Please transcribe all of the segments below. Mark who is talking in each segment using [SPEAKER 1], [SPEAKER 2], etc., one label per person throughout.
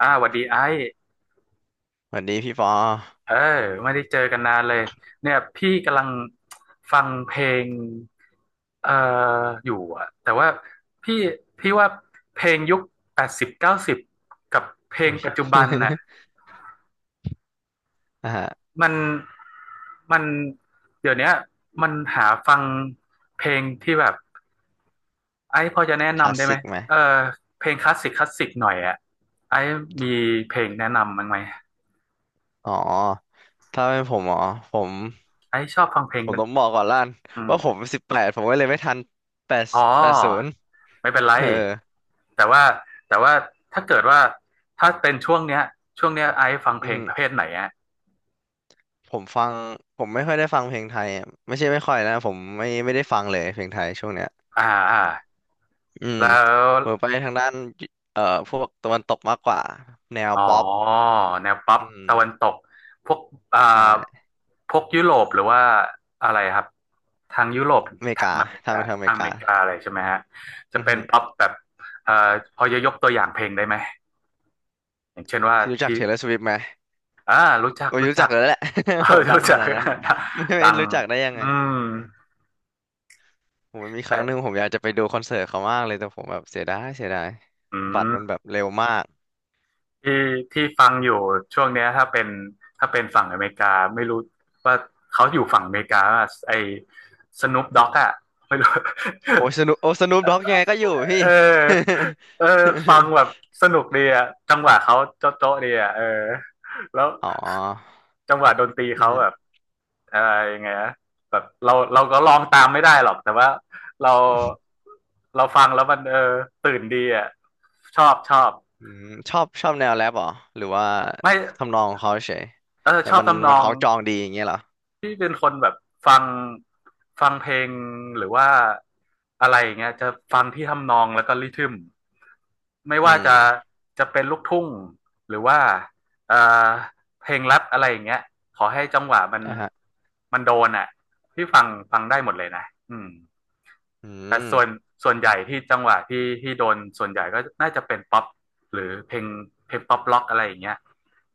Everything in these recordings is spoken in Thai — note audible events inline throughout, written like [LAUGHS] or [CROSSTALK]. [SPEAKER 1] อ่าหวัดดีไอ้
[SPEAKER 2] สวัสดีพี่ปอ
[SPEAKER 1] เออไม่ได้เจอกันนานเลยเนี่ยพี่กำลังฟังเพลงเอ่ออยู่อะแต่ว่าพี่พี่ว่าเพลงยุคแปดสิบเก้าสิบกับเพลง
[SPEAKER 2] อุ้ย
[SPEAKER 1] ปัจจุบันน่ะ
[SPEAKER 2] [LAUGHS] อ่าฮะ
[SPEAKER 1] มันมันเดี๋ยวเนี้ยมันหาฟังเพลงที่แบบไอ้พอจะแนะ
[SPEAKER 2] คลา
[SPEAKER 1] นำ
[SPEAKER 2] ส
[SPEAKER 1] ได้ไหม
[SPEAKER 2] สิกไหม
[SPEAKER 1] เออเพลงคลาสสิกคลาสสิกหน่อยอะไอ้มีเพลงแนะนำมั้างไหม
[SPEAKER 2] อ๋อถ้าเป็นผม
[SPEAKER 1] ไอ้ชอบฟังเพลง
[SPEAKER 2] ผม
[SPEAKER 1] เป็น
[SPEAKER 2] ต้องบอกก่อนล้าน
[SPEAKER 1] อืม
[SPEAKER 2] ว่าผม18ผมก็เลยไม่ทันแปด
[SPEAKER 1] อ๋อ
[SPEAKER 2] แปดศูนย์
[SPEAKER 1] ไม่เป็นไร
[SPEAKER 2] เออ
[SPEAKER 1] แต่ว่าแต่ว่าถ้าเกิดว่าถ้าเป็นช่วงเนี้ยไอซ์ฟังเพ
[SPEAKER 2] อื
[SPEAKER 1] ลงประเภ
[SPEAKER 2] ม
[SPEAKER 1] ทไหนอะ
[SPEAKER 2] ผมฟังผมไม่ค่อยได้ฟังเพลงไทยอะไม่ใช่ไม่ค่อยนะผมไม่ได้ฟังเลยเพลงไทยช่วงเนี้ย
[SPEAKER 1] อ่าอ่า
[SPEAKER 2] อืม
[SPEAKER 1] แล้ว
[SPEAKER 2] ผมไปทางด้านเอ่อพวกตะวันตกมากกว่าแนว
[SPEAKER 1] อ๋อ
[SPEAKER 2] ป๊อป
[SPEAKER 1] แนวป๊อป
[SPEAKER 2] อืม
[SPEAKER 1] ตะวันตกพวกอ่
[SPEAKER 2] ใ
[SPEAKER 1] า
[SPEAKER 2] ช่
[SPEAKER 1] พวกยุโรปหรือว่าอะไรครับทางยุโรป
[SPEAKER 2] อเมริ
[SPEAKER 1] ทาง
[SPEAKER 2] กา
[SPEAKER 1] อเมริ
[SPEAKER 2] ทาง
[SPEAKER 1] กา
[SPEAKER 2] ทางอเม
[SPEAKER 1] ทาง
[SPEAKER 2] ริ
[SPEAKER 1] อเม
[SPEAKER 2] กา
[SPEAKER 1] ริกาอะไรใช่ไหมฮะจะ
[SPEAKER 2] อือ
[SPEAKER 1] เป็น
[SPEAKER 2] ฮึ
[SPEAKER 1] ป๊อปแบบเอ่อพอจะยกตัวอย่างเพลงได้ไหมอย่างเช่นว่า
[SPEAKER 2] พี่รู้จัก
[SPEAKER 1] ที่
[SPEAKER 2] เทย์เลอร์สิไหม
[SPEAKER 1] อ่ารู้จัก
[SPEAKER 2] โอ้ย
[SPEAKER 1] รู้
[SPEAKER 2] รู้
[SPEAKER 1] จั
[SPEAKER 2] จั
[SPEAKER 1] ก
[SPEAKER 2] กแล้วแหละ
[SPEAKER 1] [LAUGHS] เอ
[SPEAKER 2] [LAUGHS]
[SPEAKER 1] อ
[SPEAKER 2] โหดั
[SPEAKER 1] รู้
[SPEAKER 2] งข
[SPEAKER 1] จัก
[SPEAKER 2] นาดนั้นมันจะ
[SPEAKER 1] [LAUGHS]
[SPEAKER 2] ไม่
[SPEAKER 1] ดัง
[SPEAKER 2] รู้จักได้ยัง
[SPEAKER 1] อื
[SPEAKER 2] ไง
[SPEAKER 1] ม
[SPEAKER 2] ผมมีค
[SPEAKER 1] แต่
[SPEAKER 2] รั้งหนึ่งผมอยากจะไปดูคอนเสิร์ตเขามากเลยแต่ผมแบบเสียดายเสียดาย
[SPEAKER 1] อื
[SPEAKER 2] บัตรมัน
[SPEAKER 1] ม
[SPEAKER 2] แบบเร็วมาก
[SPEAKER 1] ที่ที่ฟังอยู่ช่วงเนี้ยถ้าเป็นฝั่งอเมริกาไม่รู้ว่าเขาอยู่ฝั่งอเมริกาป่ะไอ้สนุปด็อกอะไม่รู้ [LAUGHS]
[SPEAKER 2] โอ้ยสนุปด็อกยังไงก็อยู่พี่
[SPEAKER 1] เออเออฟังแบบสนุกดีอะจังหวะเขาโจ๊ะโจ๊ะดีอะเออแล้ว
[SPEAKER 2] [LAUGHS] อ๋อ
[SPEAKER 1] จังหวะดนตรี
[SPEAKER 2] อือ
[SPEAKER 1] เขา
[SPEAKER 2] หือ
[SPEAKER 1] แบบเออยังไงนะแบบเราก็ลองตามไม่ได้หรอกแต่ว่าเราเราฟังแล้วมันตื่นดีอะชอบชอบ
[SPEAKER 2] อืมชอบชอบแนวแรปเหรอหรือว่า
[SPEAKER 1] ไม่
[SPEAKER 2] ทำนองของเขาเฉย
[SPEAKER 1] เออ
[SPEAKER 2] แล้
[SPEAKER 1] ช
[SPEAKER 2] ว
[SPEAKER 1] อบ
[SPEAKER 2] มัน
[SPEAKER 1] ทำน
[SPEAKER 2] มัน
[SPEAKER 1] อ
[SPEAKER 2] ค
[SPEAKER 1] ง
[SPEAKER 2] ล้องจองดีอย่างเงี้ยเหรอ
[SPEAKER 1] ที่เป็นคนแบบฟังฟังเพลงหรือว่าอะไรอย่างเงี้ยจะฟังที่ทำนองแล้วก็ริทึมไม่
[SPEAKER 2] อื
[SPEAKER 1] ว่าจะ
[SPEAKER 2] ม
[SPEAKER 1] จะเป็นลูกทุ่งหรือว่าเอ่อเพลงแรปอะไรอย่างเงี้ยขอให้จังหวะมัน
[SPEAKER 2] อ่ะฮะ
[SPEAKER 1] มันโดนอ่ะพี่ฟังได้หมดเลยนะอืม
[SPEAKER 2] อื
[SPEAKER 1] แต่
[SPEAKER 2] ม
[SPEAKER 1] ส่วนใหญ่ที่จังหวะที่ที่โดนส่วนใหญ่ก็น่าจะเป็นป๊อปหรือเพลงเพลงป๊อปล็อกอะไรอย่างเงี้ย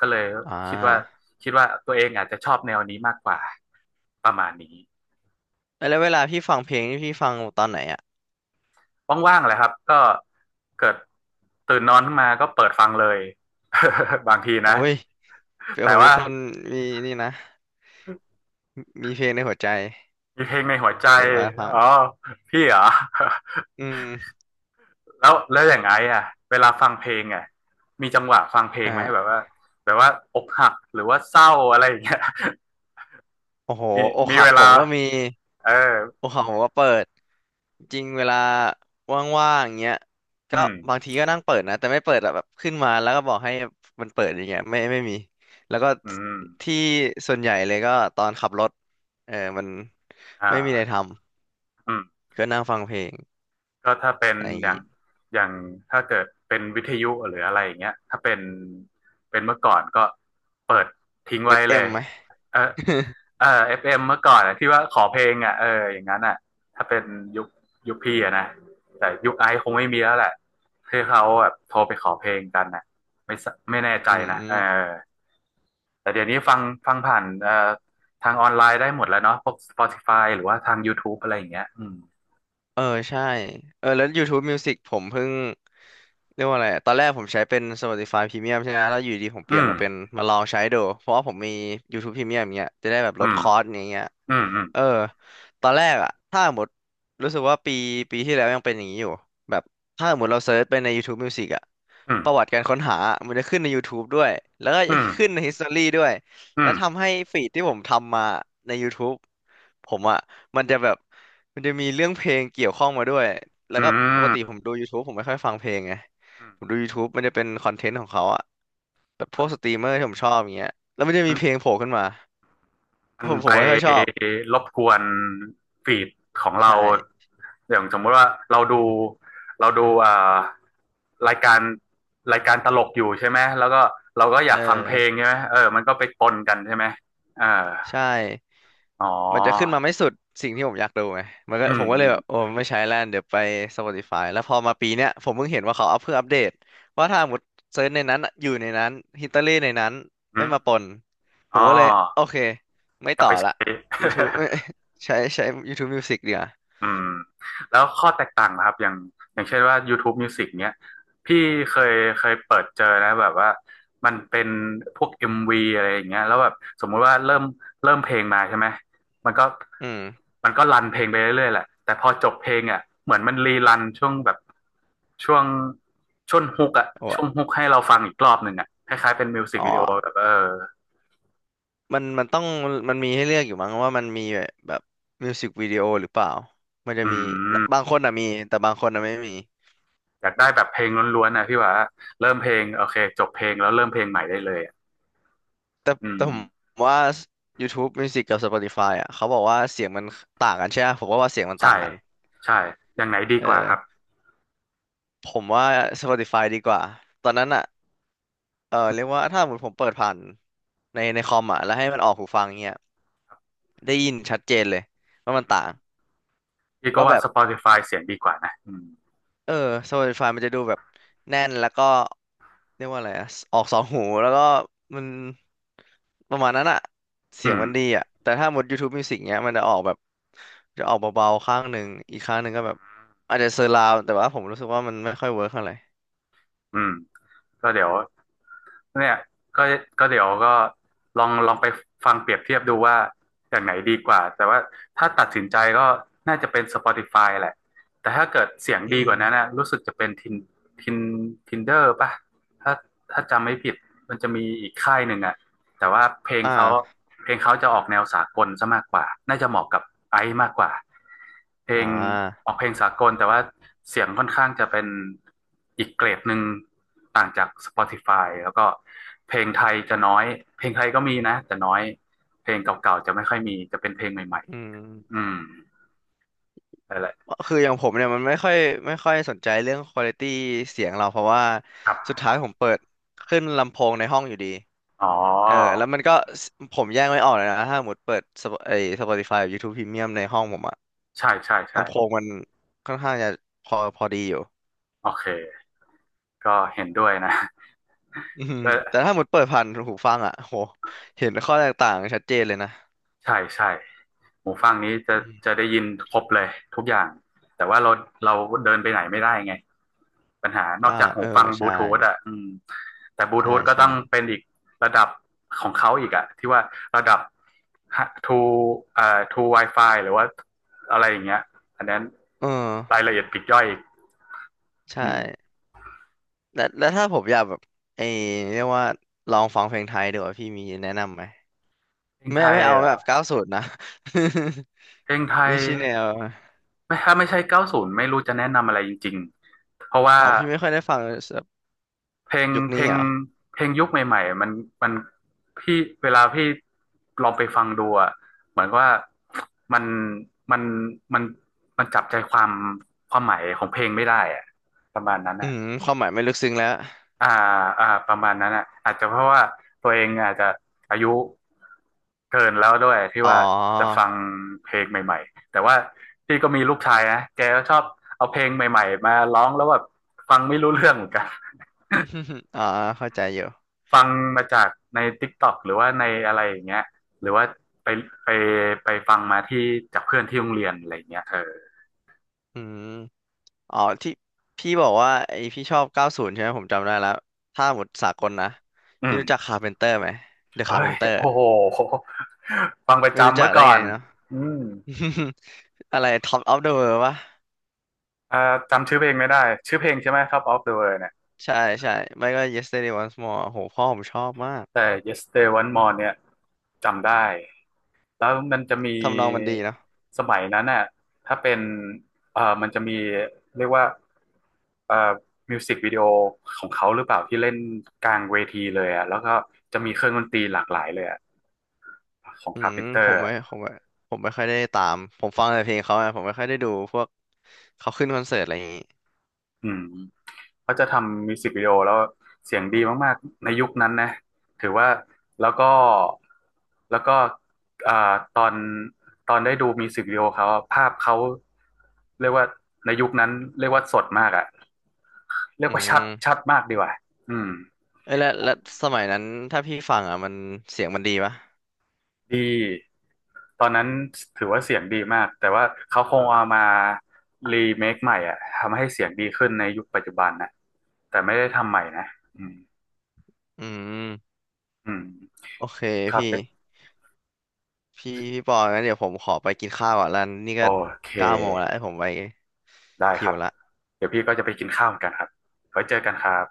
[SPEAKER 1] ก็เลย
[SPEAKER 2] อ่
[SPEAKER 1] คิดว่า
[SPEAKER 2] า
[SPEAKER 1] คิดว่าตัวเองอาจจะชอบแนวนี้มากกว่าประมาณนี้
[SPEAKER 2] แล้วเวลาพี่ฟังเพลงนี่พี่ฟังตอนไหนอ่ะ
[SPEAKER 1] ว่างๆแหละครับก็เกิดตื่นนอนขึ้นมาก็เปิดฟังเลย [LAUGHS] บางที
[SPEAKER 2] โอ้
[SPEAKER 1] นะ
[SPEAKER 2] ยเปีย
[SPEAKER 1] แต่
[SPEAKER 2] ผมเป็น
[SPEAKER 1] ว่า
[SPEAKER 2] คนมีนี่นะ มีเพลงในหัวใจ
[SPEAKER 1] มีเพลงในหัวใจ
[SPEAKER 2] เปิดว่าฟัง
[SPEAKER 1] อ๋อพี่เหรอ
[SPEAKER 2] อืม
[SPEAKER 1] [LAUGHS] แล้วอย่างไงอ่ะเวลาฟังเพลงอ่ะมีจังหวะฟังเพลงไหมแบ
[SPEAKER 2] อ่า
[SPEAKER 1] บว่าแบบว่าอกหักหรือว่าเศร้าอะไรอย่างเงี้ย
[SPEAKER 2] โอ้โห
[SPEAKER 1] มี
[SPEAKER 2] อก
[SPEAKER 1] มี
[SPEAKER 2] หั
[SPEAKER 1] เว
[SPEAKER 2] กผ
[SPEAKER 1] ลา
[SPEAKER 2] มก็มี
[SPEAKER 1] เออ
[SPEAKER 2] อกหักผมก็เปิด จริงเวลาว่างๆอย่างเงี้ย
[SPEAKER 1] อื
[SPEAKER 2] ก็
[SPEAKER 1] ม
[SPEAKER 2] บางทีก็นั่งเปิดนะ แต่ไม่เปิดอะแบบขึ้นมาแล้วก็บอกให้มันเปิดอย่างเงี้ยไม่ไม่มีแล้วก็
[SPEAKER 1] อืม
[SPEAKER 2] ที่ส่วนใหญ่เลยก็ตอนขับรถเออมัน
[SPEAKER 1] อ
[SPEAKER 2] ไม่มีอะไร
[SPEAKER 1] ่า
[SPEAKER 2] ท
[SPEAKER 1] อืม
[SPEAKER 2] ำก็นั่งฟังเพลง
[SPEAKER 1] ก็ถ้าเป็น
[SPEAKER 2] ใน
[SPEAKER 1] อย่างอย่างถ้าเกิดเป็นวิทยุหรืออะไรอย่างเงี้ยถ้าเป็นเมื่อก่อนก็เปิดทิ้งไว้เล
[SPEAKER 2] FM
[SPEAKER 1] ย
[SPEAKER 2] ไหม
[SPEAKER 1] เออเออเอฟเอ็มเมื่อก่อนอะที่ว่าขอเพลงอ่ะเอออย่างนั้นอ่ะถ้าเป็นยุคยุคพี่อะนะแต่ยุคไอซ์คงไม่มีแล้วแหละคือเขาแบบโทรไปขอเพลงกันอ่ะไม่แน่ใจ
[SPEAKER 2] [LAUGHS] อื
[SPEAKER 1] นะเอ
[SPEAKER 2] ม
[SPEAKER 1] อ แต่เดี๋ยวนี้ฟังผ่านทางออนไลน์ได้หมดแล้วเนาะพวก Spotify หรือว่าทาง YouTube อะไรอย่างเงี้ยอืม
[SPEAKER 2] เออใช่เออแล้ว YouTube Music ผมเพิ่ง เรียกว่าอะไรอะตอนแรกผมใช้เป็น Spotify Premium ใช่ไหมแล้วอยู่ดีผมเป
[SPEAKER 1] อื
[SPEAKER 2] ลี่ยน
[SPEAKER 1] ม
[SPEAKER 2] มาเป็นมาลองใช้ดู เพราะว่าผมมี YouTube Premium อย่างเงี้ยจะได้แบบล
[SPEAKER 1] อื
[SPEAKER 2] ด
[SPEAKER 1] ม
[SPEAKER 2] คอสอย่างเงี้ย
[SPEAKER 1] อืมอืม
[SPEAKER 2] เออตอนแรกอะถ้าหมดรู้สึกว่าปีที่แล้วยังเป็นอย่างนี้อยู่แบบถ้าหมดเราเซิร์ชไปใน YouTube Music อะ
[SPEAKER 1] อืม
[SPEAKER 2] ประวัติการค้นหา มันจะขึ้นใน YouTube ด้วยแล้วก็
[SPEAKER 1] อืม
[SPEAKER 2] ขึ้นใน History ด้วย
[SPEAKER 1] อื
[SPEAKER 2] แล้ว
[SPEAKER 1] ม
[SPEAKER 2] ทำให้ฟีดที่ผมทำมาใน YouTube ผมอะมันจะแบบมันจะมีเรื่องเพลงเกี่ยวข้องมาด้วยแล้ว
[SPEAKER 1] อื
[SPEAKER 2] ก็ปก
[SPEAKER 1] ม
[SPEAKER 2] ติผมดู YouTube ผมไม่ค่อยฟังเพลงไงผมดู YouTube มันจะเป็นคอนเทนต์ของเขาอะแบบพ
[SPEAKER 1] มั
[SPEAKER 2] ว
[SPEAKER 1] น
[SPEAKER 2] กสตรีมเมอร์ที่ผมชอบอย่างเงี้ยแล้วมันจะมี
[SPEAKER 1] มั
[SPEAKER 2] เพ
[SPEAKER 1] น
[SPEAKER 2] ลงโผล่ขึ้นมา
[SPEAKER 1] มั
[SPEAKER 2] ผ
[SPEAKER 1] น
[SPEAKER 2] มผ
[SPEAKER 1] ไป
[SPEAKER 2] มไม่ค่อยชอบ
[SPEAKER 1] รบกวนฟีดของเรา
[SPEAKER 2] ใช่
[SPEAKER 1] อย่างสมมติว่าเราดูเราดูรายการรายการตลกอยู่ใช่ไหมแล้วก็เราก็อ
[SPEAKER 2] เอ
[SPEAKER 1] ยา
[SPEAKER 2] อ
[SPEAKER 1] กฟังเพลงใช่ไหมเออมันก็ไปปนกันใช่ไหมเออ
[SPEAKER 2] ใช่
[SPEAKER 1] อ๋อ
[SPEAKER 2] มันจะขึ้นมาไม่สุดสิ่งที่ผมอยากดูไงมันก็
[SPEAKER 1] อื
[SPEAKER 2] ผ
[SPEAKER 1] ม
[SPEAKER 2] มก็
[SPEAKER 1] อื
[SPEAKER 2] เลย
[SPEAKER 1] ม
[SPEAKER 2] แบบโอ้ไม่ใช้แล้วเดี๋ยวไป Spotify แล้วพอมาปีเนี้ยผมเพิ่งเห็นว่าเขาอัพเพื่ออัปเดตว่าถ้าหมดเซิร์ชในนั้นอะอยู่ในนั้นฮิตเตอรี่ในนั้น
[SPEAKER 1] อื
[SPEAKER 2] ไม่มาป
[SPEAKER 1] ม
[SPEAKER 2] นผ
[SPEAKER 1] อ๋
[SPEAKER 2] มก็เลยโอ
[SPEAKER 1] อ
[SPEAKER 2] เคไม่
[SPEAKER 1] กลับ
[SPEAKER 2] ต่อ
[SPEAKER 1] ไป
[SPEAKER 2] ละ
[SPEAKER 1] ใช้ [LAUGHS]
[SPEAKER 2] YouTube เอ้ยใช้ใช้ YouTube Music ดีกว่า
[SPEAKER 1] อืมแล้วข้อแตกต่างนะครับอย่างเช่นว่า YouTube Music เนี้ยพี่เคยเคยเปิดเจอนะแบบว่ามันเป็นพวก MV อมวีอะไรอย่างเงี้ยแล้วแบบสมมุติว่าเริ่มเพลงมาใช่ไหมมันก็
[SPEAKER 2] อืม
[SPEAKER 1] มันก็รันเพลงไปเรื่อยๆแหละแต่พอจบเพลงอ่ะเหมือนมันรีรันช่วงแบบช่วงช่วงฮุกอ่ะ
[SPEAKER 2] โอ้
[SPEAKER 1] ช่ว
[SPEAKER 2] อะ
[SPEAKER 1] งฮุกให้เราฟังอีกรอบหนึ่งอ่ะคล้ายๆเป็นมิวสิก
[SPEAKER 2] อ๋
[SPEAKER 1] วิดีโอ
[SPEAKER 2] อ
[SPEAKER 1] แบบเออ
[SPEAKER 2] มันต้องมันมีให้เลือกอยู่มั้งว่ามันมีแบบมิวสิกวิดีโอหรือเปล่ามันจะ
[SPEAKER 1] อื
[SPEAKER 2] มีบา
[SPEAKER 1] ม
[SPEAKER 2] งคนอะมีแต่บางคนอะไม่มี
[SPEAKER 1] อยากได้แบบเพลงล้วนๆนะพี่ว่าเริ่มเพลงโอเคจบเพลงแล้วเริ่มเพลงใหม่ได้เลยอะ
[SPEAKER 2] แต่
[SPEAKER 1] อืม
[SPEAKER 2] แต่ผมว่า YouTube Music กับ Spotify อ่ะเขาบอกว่าเสียงมันต่างกันใช่ไหมผมก็ว่าเสียงมันต่า
[SPEAKER 1] ใช่
[SPEAKER 2] งกัน
[SPEAKER 1] ใช่อย่างไหนดี
[SPEAKER 2] เอ
[SPEAKER 1] กว่าค
[SPEAKER 2] อ
[SPEAKER 1] รับ
[SPEAKER 2] ผมว่า Spotify ดีกว่าตอนนั้นอ่ะเออเรียกว่าถ้าสมมติผมเปิดผ่านในคอมอ่ะแล้วให้มันออกหูฟังเงี้ยได้ยินชัดเจนเลยว่า
[SPEAKER 1] อื
[SPEAKER 2] มัน
[SPEAKER 1] ม
[SPEAKER 2] ต่าง
[SPEAKER 1] พี่ก็
[SPEAKER 2] ว่า
[SPEAKER 1] ว่า
[SPEAKER 2] แบบ
[SPEAKER 1] Spotify เสียงดีกว่านะอืม
[SPEAKER 2] เออโซลิดไฟมันจะดูแบบแน่นแล้วก็เรียกว่าอะไรอะออกสองหูแล้วก็มันประมาณนั้นอะเสี
[SPEAKER 1] อื
[SPEAKER 2] ยง
[SPEAKER 1] ม
[SPEAKER 2] มันดีอะแต่ถ้าหมด YouTube Music เนี้ยมันจะออกแบบจะออกเบาๆข้างหนึ่งอีกข้างหนึ่งก็แบบอาจจะเซอร์ราวด์แต่ว่าผมรู้สึกว่ามันไม่ค่อยเวิร์คเท่าไหร่
[SPEAKER 1] อืมก็เดี๋ยวเนี่ยก็ก็เดี๋ยวก็ลองลองไปฟังเปรียบเทียบดูว่าอย่างไหนดีกว่าแต่ว่าถ้าตัดสินใจก็น่าจะเป็น Spotify แหละแต่ถ้าเกิดเสียง
[SPEAKER 2] อื
[SPEAKER 1] ดีก
[SPEAKER 2] ม
[SPEAKER 1] ว่านั้นนะรู้สึกจะเป็นทินทินเดอร์ป่ะถ้าถ้าจำไม่ผิดมันจะมีอีกค่ายหนึ่งอ่ะ แต่ว่าเพลง
[SPEAKER 2] อ่
[SPEAKER 1] เขา
[SPEAKER 2] า
[SPEAKER 1] เพลงเขาจะออกแนวสากลซะมากกว่าน่าจะเหมาะกับไอซ์มากกว่าเพล
[SPEAKER 2] อ่
[SPEAKER 1] งอ
[SPEAKER 2] า
[SPEAKER 1] อกเพลงสากลแต่ว่าเสียงค่อนข้างจะเป็นอีกเกรดหนึ่งต่างจาก Spotify แล้วก็เพลงไทยจะน้อยเพลงไทยก็มีนะแต่น้อยเพลงเก่าๆจะไม่ค่อยมีจะเป็นเพลงใหม่
[SPEAKER 2] อื
[SPEAKER 1] ๆ
[SPEAKER 2] ม
[SPEAKER 1] อืมนั่นแหละ
[SPEAKER 2] คืออย่างผมเนี่ยมันไม่ค่อยสนใจเรื่องควอลิตี้เสียงเราเพราะว่า
[SPEAKER 1] ครั
[SPEAKER 2] สุด
[SPEAKER 1] บ
[SPEAKER 2] ท้ายผมเปิดขึ้นลำโพงในห้องอยู่ดี
[SPEAKER 1] อ๋
[SPEAKER 2] เออ
[SPEAKER 1] อ
[SPEAKER 2] แล้วมันก็สผมแยกไม่ออกเลยนะถ้าสมมติเปิด Sp- ไอ้ Spotify กับ YouTube Premium ในห้องผมอะ
[SPEAKER 1] ใช่ใช่ใช่
[SPEAKER 2] ลำโพงมันค่อนข้างจะพอพอดีอยู่
[SPEAKER 1] โอเคก็เห็นด้วยนะ
[SPEAKER 2] อืม
[SPEAKER 1] [LAUGHS] ก็
[SPEAKER 2] แต่ถ้าหมดเปิดผ่านหูฟังอ่ะโหเห็นข้อแตกต่างชัดเจนเลยนะ
[SPEAKER 1] ใช่ใช่ หูฟังนี้จะ
[SPEAKER 2] อืม
[SPEAKER 1] ได้ยินครบเลยทุกอย่างแต่ว่าเราเราเดินไปไหนไม่ได้ไงปัญหานอ
[SPEAKER 2] อ่า
[SPEAKER 1] กจาก
[SPEAKER 2] เอ
[SPEAKER 1] หู
[SPEAKER 2] อ
[SPEAKER 1] ฟังบลู
[SPEAKER 2] ใช่
[SPEAKER 1] ทูธอ่ะอืมแต่บลู
[SPEAKER 2] ใช่
[SPEAKER 1] ทูธก็
[SPEAKER 2] ใช่
[SPEAKER 1] ต้องเป็นอีกระดับของเขาอีกอ่ะที่ว่าระดับ to to Wi-Fi หรือว่าอะไรอย่างเงี้ยอันนั้น
[SPEAKER 2] เอ
[SPEAKER 1] ราย
[SPEAKER 2] อ
[SPEAKER 1] ละเอียดปลีกย่อยอีก
[SPEAKER 2] ใช่
[SPEAKER 1] อืม
[SPEAKER 2] แล้วถ้าผมอยากแบบไอ้เรียกว่าลองฟังเพลงไทยดีกว่าพี่มีแนะนำไหม
[SPEAKER 1] เพลง
[SPEAKER 2] ไม่
[SPEAKER 1] ไทย
[SPEAKER 2] ไม่เอา
[SPEAKER 1] เหร
[SPEAKER 2] แบ
[SPEAKER 1] อ
[SPEAKER 2] บเก้าศูนย์นะ
[SPEAKER 1] เพลงไท
[SPEAKER 2] [LAUGHS] ไม่
[SPEAKER 1] ย
[SPEAKER 2] ใช่แนว
[SPEAKER 1] ไม่ถ้าไม่ใช่90ไม่รู้จะแนะนำอะไรจริงๆเพราะว่า
[SPEAKER 2] อ๋อพี่ไม่ค่อยได้ฟังแบบ
[SPEAKER 1] เพลง
[SPEAKER 2] ยุค
[SPEAKER 1] เพล
[SPEAKER 2] นี้
[SPEAKER 1] ง
[SPEAKER 2] เหรอ
[SPEAKER 1] เพลงยุคใหม่ๆมันพี่เวลาพี่ลองไปฟังดูอะเหมือนว่ามันมันมันมันจับใจความความหมายของเพลงไม่ได้อะประมาณนั้น
[SPEAKER 2] อื
[SPEAKER 1] อะ
[SPEAKER 2] มความหมายไม่ลึกซึ้งแล้ว
[SPEAKER 1] ประมาณนั้นอะอาจจะเพราะว่าตัวเองอาจจะอายุเกินแล้วด้วยที่
[SPEAKER 2] อ๋อ
[SPEAKER 1] ว่าจะฟังเพลงใหม่ๆแต่ว่าพี่ก็มีลูกชายนะแกก็ชอบเอาเพลงใหม่ๆมาร้องแล้วแบบฟังไม่รู้เรื่องเหมือนกัน
[SPEAKER 2] [LAUGHS] อ๋อเข้าใจอยู่
[SPEAKER 1] ฟังมาจากใน TikTok หรือว่าในอะไรอย่างเงี้ยหรือว่าไปไปไปฟังมาที่จากเพื่อนที่โรงเรียนอะไรอย่างเงี้ยเออ
[SPEAKER 2] อืมอ๋อที่พี่บอกว่าไอพี่ชอบเก้าศูนย์ใช่ไหมผมจำได้แล้วถ้าหมดสากลนะ
[SPEAKER 1] อื
[SPEAKER 2] พี่
[SPEAKER 1] ม
[SPEAKER 2] รู้จักคาร์เพนเตอร์ไหมเดอะ
[SPEAKER 1] เฮ้
[SPEAKER 2] คาร์เพ
[SPEAKER 1] ย
[SPEAKER 2] นเตอร์
[SPEAKER 1] โอ้โหฟังประ
[SPEAKER 2] ไม่รู้
[SPEAKER 1] จำ
[SPEAKER 2] จั
[SPEAKER 1] เมื่
[SPEAKER 2] ก
[SPEAKER 1] อ
[SPEAKER 2] ได้
[SPEAKER 1] ก่อ
[SPEAKER 2] ไง
[SPEAKER 1] น
[SPEAKER 2] เนาะ
[SPEAKER 1] อืม
[SPEAKER 2] [LAUGHS] อะไรท็อปออฟเดอะเวปะ
[SPEAKER 1] อ่าจำชื่อเพลงไม่ได้ชื่อเพลงใช่ไหม Top of the World เนี่ย
[SPEAKER 2] ใช่ใช่ไม่ก็ Yesterday Once More โหพ่อผมชอบมาก
[SPEAKER 1] แต่ Yesterday o n e More เนี่ยจำได้ แล้วมันจะมี
[SPEAKER 2] ทำนองมันดีเนาะ
[SPEAKER 1] สมัยนั้นน่ะถ้าเป็นเออมันจะมีเรียกว่าเอ่อมิวสิกวิดีโอของเขาหรือเปล่าที่เล่นกลางเวทีเลยอ่ะแล้วก็จะมีเครื่องดนตรีหลากหลายเลยอ่ะของ
[SPEAKER 2] อื
[SPEAKER 1] คาร์
[SPEAKER 2] ม
[SPEAKER 1] เพนเตอ
[SPEAKER 2] ผม
[SPEAKER 1] ร์
[SPEAKER 2] ไม่ผมไม่ผมไม่ค่อยได้ตามผมฟังแต่เพลงเขาอะผมไม่ค่อยได้ดูพวกเขาขึ้นคอนเสิร์ตอะไรอย่างงี้
[SPEAKER 1] อืมเขาจะทำมิวสิกวิดีโอแล้วเสียงดีมากๆในยุคนั้นนะถือว่าแล้วก็แล้วก็เอ่อตอนตอนได้ดูมิวสิกวิดีโอเขาอะภาพเขาเรียกว่าในยุคนั้นเรียกว่าสดมากอ่ะ เรีย
[SPEAKER 2] อื
[SPEAKER 1] กว่าชัดชั
[SPEAKER 2] ม
[SPEAKER 1] ดมากดีกว่าอืม
[SPEAKER 2] เอ้ยแล้วสมัยนั้นถ้าพี่ฟังอ่ะมันเสียงมันดีปะ
[SPEAKER 1] ดี ตอนนั้นถือว่าเสียงดีมาก แต่ว่าเขาคงเอามารีเมคใหม่อ่ะทำให้เสียงดีขึ้นในยุคปัจจุบันนะ แต่ไม่ได้ทำใหม่นะอืม
[SPEAKER 2] อืม
[SPEAKER 1] อืม
[SPEAKER 2] โอเค
[SPEAKER 1] ครับ
[SPEAKER 2] พี่
[SPEAKER 1] เป๊ะ
[SPEAKER 2] พี่ปองั้นเดี๋ยวผมขอไปกินข้าวก่อนแล้วนี่
[SPEAKER 1] โอ
[SPEAKER 2] ก็
[SPEAKER 1] เค
[SPEAKER 2] 9 โมงแล้วให้ผมไป
[SPEAKER 1] ได้ค
[SPEAKER 2] หิ
[SPEAKER 1] รั
[SPEAKER 2] ว
[SPEAKER 1] บ
[SPEAKER 2] ละ
[SPEAKER 1] เดี๋ยวพี่ก็จะไปกินข้าวเหมือนกันครับไว้เจอกันครับ